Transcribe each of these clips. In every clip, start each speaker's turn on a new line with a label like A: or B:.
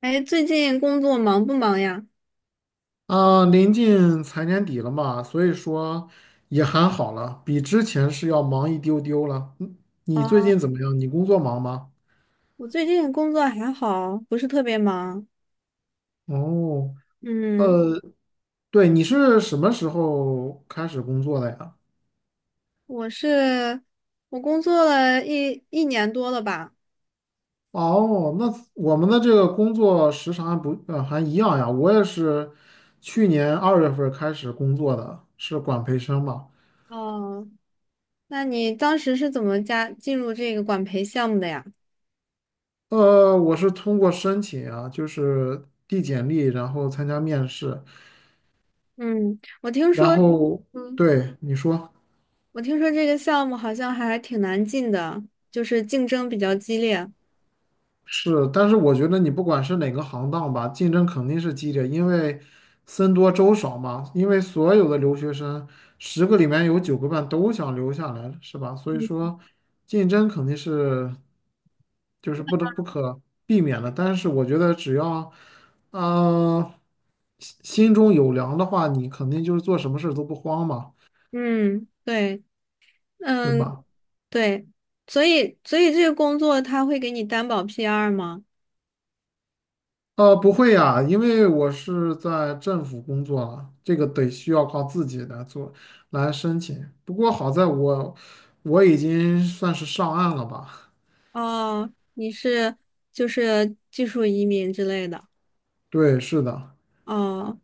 A: 哎，最近工作忙不忙呀？
B: 啊，临近财年底了嘛，所以说也还好了，比之前是要忙一丢丢了。嗯你最
A: 啊，
B: 近怎么样？你工作忙吗？
A: 我最近工作还好，不是特别忙。
B: 哦，
A: 嗯，
B: 呃，对，你是什么时候开始工作的呀？
A: 我是我工作了一年多了吧？
B: 哦，那我们的这个工作时长还不，呃，还一样呀。我也是去年2月份儿开始工作的，是管培生嘛。
A: 哦，那你当时是怎么进入这个管培项目的呀？
B: 我是通过申请啊，就是递简历，然后参加面试。
A: 嗯，
B: 然后
A: 嗯，
B: 对你说
A: 我听说这个项目好像还挺难进的，就是竞争比较激烈。
B: 是，但是我觉得你不管是哪个行当吧，竞争肯定是激烈，因为僧多粥少嘛。因为所有的留学生，10个里面有9个半都想留下来，是吧？所以说，竞争肯定是就是不得不可避免的。但是我觉得只要啊、心中有粮的话，你肯定就是做什么事都不慌嘛，
A: 嗯，对，
B: 对
A: 嗯，
B: 吧？
A: 对，所以这个工作他会给你担保 PR 吗？
B: 不会呀，因为我是在政府工作了，这个得需要靠自己来做，来申请。不过好在我已经算是上岸了吧？
A: 哦，你是就是技术移民之类的，
B: 对，是的。
A: 哦，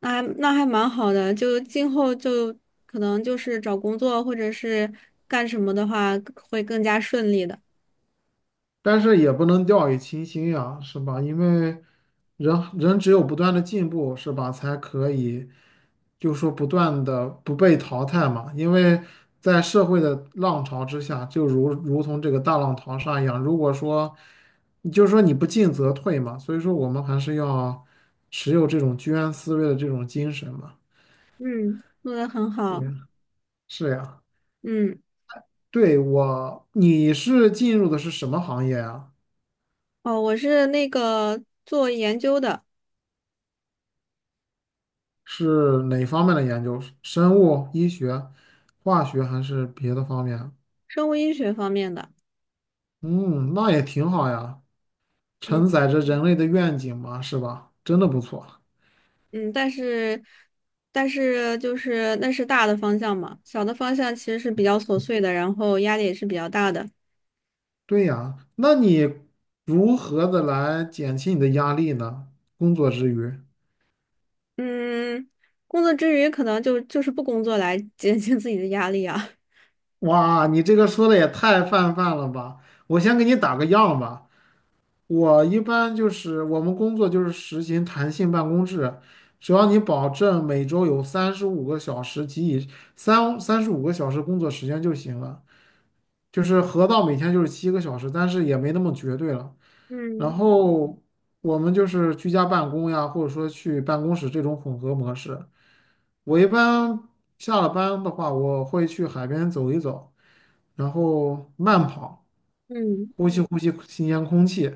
A: 那还蛮好的，就今后就可能就是找工作或者是干什么的话会更加顺利的。
B: 但是也不能掉以轻心呀，是吧？因为人人只有不断的进步，是吧，才可以，就说不断的不被淘汰嘛。因为在社会的浪潮之下，就如同这个大浪淘沙一样，如果说，就是说你不进则退嘛，所以说我们还是要持有这种居安思危的这种精神嘛。
A: 嗯，做的很
B: 对，
A: 好。
B: 是呀，
A: 嗯，
B: 你是进入的是什么行业啊？
A: 哦，我是那个做研究的，
B: 是哪方面的研究？生物、医学、化学还是别的方面？
A: 生物医学方面的。
B: 嗯，那也挺好呀，
A: 嗯
B: 承载着人类的愿景嘛，是吧？真的不错。
A: 嗯，但是就是那是大的方向嘛，小的方向其实是比较琐碎的，然后压力也是比较大的。
B: 对呀，那你如何的来减轻你的压力呢？工作之余，
A: 嗯，工作之余可能就是不工作来减轻自己的压力啊。
B: 哇，你这个说的也太泛泛了吧！我先给你打个样吧。我一般就是我们工作就是实行弹性办公制，只要你保证每周有三十五个小时及以三三十五个小时工作时间就行了。就是合到每天就是7个小时，但是也没那么绝对了。然
A: 嗯
B: 后我们就是居家办公呀，或者说去办公室这种混合模式。我一般下了班的话，我会去海边走一走，然后慢跑，
A: 嗯
B: 呼吸新鲜空气。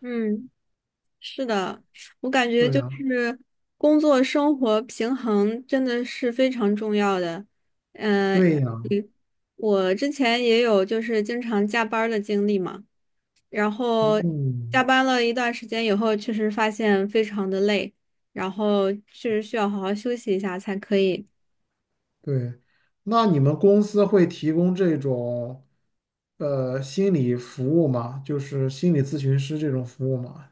A: 嗯，是的，我感觉
B: 对
A: 就
B: 呀，
A: 是工作生活平衡真的是非常重要的。嗯、
B: 对呀，
A: 嗯我之前也有就是经常加班儿的经历嘛，然后加
B: 嗯，
A: 班了一段时间以后，确实发现非常的累，然后确实需要好好休息一下才可以。
B: 对，那你们公司会提供这种心理服务吗？就是心理咨询师这种服务吗？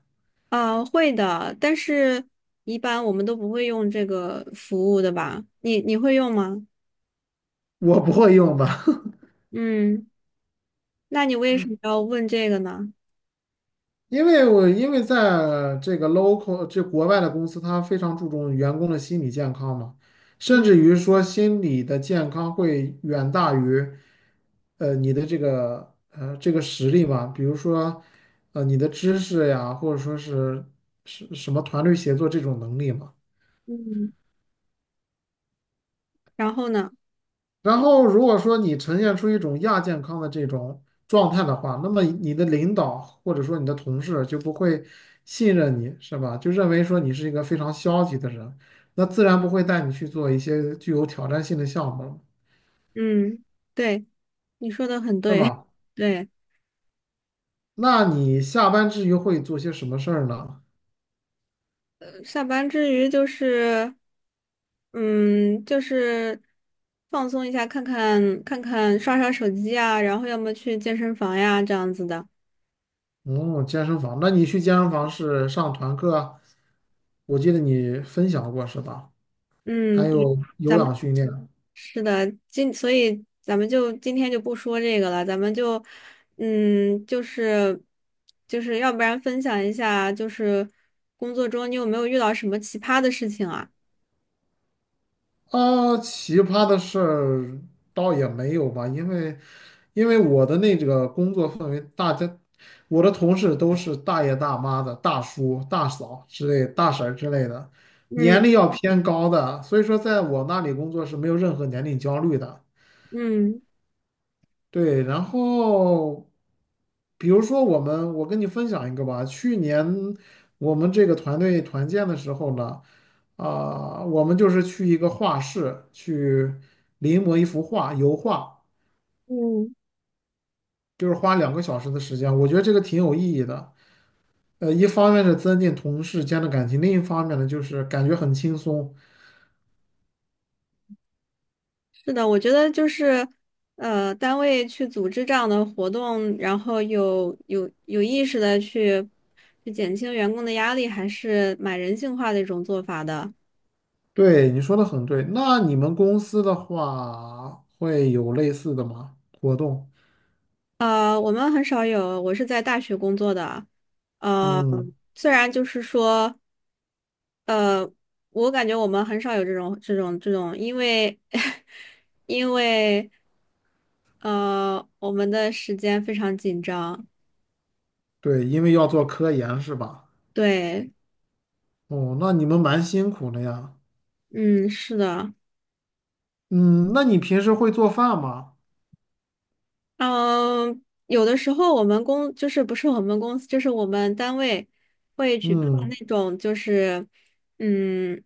A: 啊，会的，但是一般我们都不会用这个服务的吧？你会用吗？
B: 我不会用吧。
A: 嗯，那你为什么要问这个呢？
B: 因为在这个 local 这国外的公司，它非常注重员工的心理健康嘛，甚
A: 嗯
B: 至于说心理的健康会远大于你的这个实力嘛，比如说你的知识呀，或者说是什么团队协作这种能力嘛。
A: 嗯，然后呢？
B: 然后，如果说你呈现出一种亚健康的这种状态的话，那么你的领导或者说你的同事就不会信任你，是吧？就认为说你是一个非常消极的人，那自然不会带你去做一些具有挑战性的项目了，
A: 嗯，对，你说的很
B: 是
A: 对，
B: 吧？
A: 对，
B: 那你下班之余会做些什么事儿呢？
A: 下班之余就是，嗯，就是放松一下，看看刷刷手机啊，然后要么去健身房呀，这样子的。
B: 嗯，健身房。那你去健身房是上团课啊，我记得你分享过是吧？还
A: 嗯，对。
B: 有有
A: 咱们。
B: 氧训练啊。
A: 是的，所以咱们就今天就不说这个了，咱们就，嗯，就是要不然分享一下，就是工作中你有没有遇到什么奇葩的事情啊？
B: 啊，奇葩的事儿倒也没有吧，因为因为我的那个工作氛围，我的同事都是大爷大妈的、大叔、大嫂之类、大婶儿之类的，年
A: 嗯
B: 龄要偏高的，所以说在我那里工作是没有任何年龄焦虑的。
A: 嗯
B: 对，然后比如说我们，我跟你分享一个吧。去年我们这个团队团建的时候呢，我们就是去一个画室去临摹一幅画，油画，
A: 嗯，
B: 就是花2个小时的时间。我觉得这个挺有意义的。一方面是增进同事间的感情，另一方面呢，就是感觉很轻松。
A: 是的，我觉得就是，单位去组织这样的活动，然后有意识的去减轻员工的压力，还是蛮人性化的一种做法的。
B: 对，你说的很对。那你们公司的话，会有类似的吗？活动？
A: 我们很少有，我是在大学工作的，呃，
B: 嗯。
A: 虽然就是说，呃，我感觉我们很少有这种，因为 因为我们的时间非常紧张，
B: 对，因为要做科研是吧？
A: 对，
B: 哦，那你们蛮辛苦的呀。
A: 嗯，是的。
B: 嗯，那你平时会做饭吗？
A: 嗯，有的时候我们公就是不是我们公司，就是我们单位会举办那
B: 嗯
A: 种就是嗯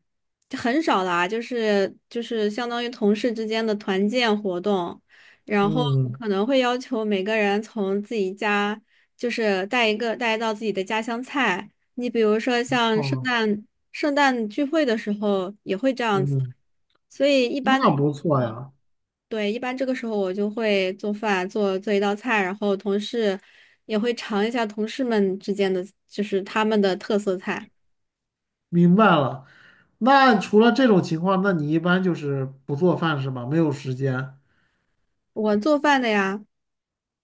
A: 很少啦，就是相当于同事之间的团建活动，然后
B: 嗯，
A: 可能会要求每个人从自己家就是带一道自己的家乡菜。你比如说像圣
B: 哦，
A: 诞圣诞聚会的时候也会这样子，
B: 嗯，
A: 所以一般。
B: 那不错呀。
A: 对，一般这个时候我就会做饭，做做一道菜，然后同事也会尝一下同事们之间的，就是他们的特色菜。
B: 明白了。那除了这种情况，那你一般就是不做饭是吧？没有时间
A: 我做饭的呀，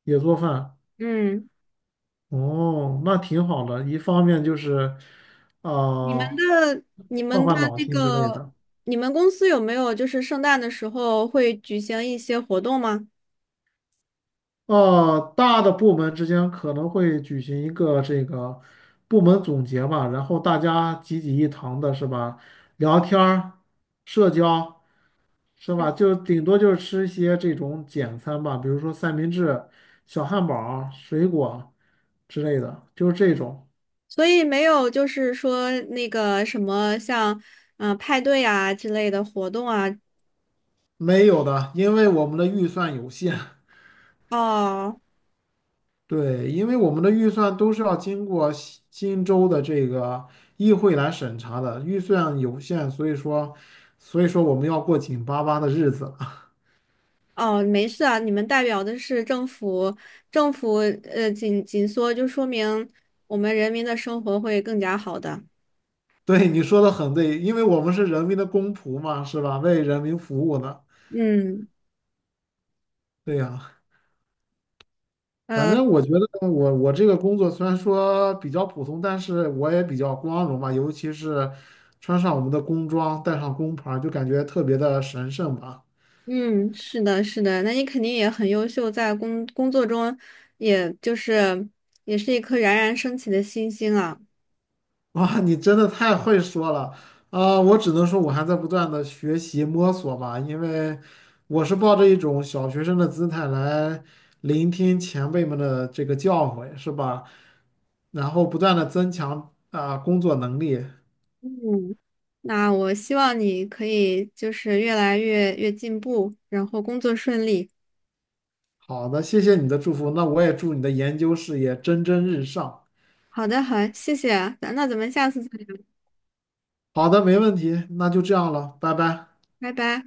B: 也做饭。
A: 嗯，
B: 哦，那挺好的。一方面就是，
A: 你们
B: 呃，
A: 的你
B: 换
A: 们的
B: 换脑
A: 那
B: 筋之类
A: 个，
B: 的。
A: 你们公司有没有就是圣诞的时候会举行一些活动吗？
B: 大的部门之间可能会举行一个这个部门总结嘛，然后大家集一堂的是吧？聊天儿、社交是
A: 嗯，
B: 吧？就顶多就是吃一些这种简餐吧，比如说三明治、小汉堡儿、水果之类的，就是这种
A: 所以没有就是说那个什么像派对啊之类的活动啊。
B: 没有的，因为我们的预算有限。
A: 哦，
B: 对，因为我们的预算都是要经过西新州的这个议会来审查的，预算有限，所以说，所以说我们要过紧巴巴的日子。
A: 哦，没事啊，你们代表的是政府，政府紧缩，就说明我们人民的生活会更加好的。
B: 对，你说的很对，因为我们是人民的公仆嘛，是吧？为人民服务的。
A: 嗯，
B: 对呀，反
A: 呃，
B: 正我觉得我这个工作虽然说比较普通，但是我也比较光荣吧，尤其是穿上我们的工装，带上工牌儿就感觉特别的神圣吧。
A: 嗯，是的，是的，那你肯定也很优秀，在工作中，也就是也是一颗冉冉升起的新星啊。
B: 哇，你真的太会说了啊！我只能说，我还在不断的学习摸索吧，因为我是抱着一种小学生的姿态来聆听前辈们的这个教诲，是吧？然后不断的增强啊、工作能力。
A: 嗯，那我希望你可以就是越来越进步，然后工作顺利。
B: 好的，谢谢你的祝福，那我也祝你的研究事业蒸蒸日上。
A: 好的，好，谢谢啊，那咱们下次再聊，
B: 好的，没问题，那就这样了，拜拜。
A: 拜拜。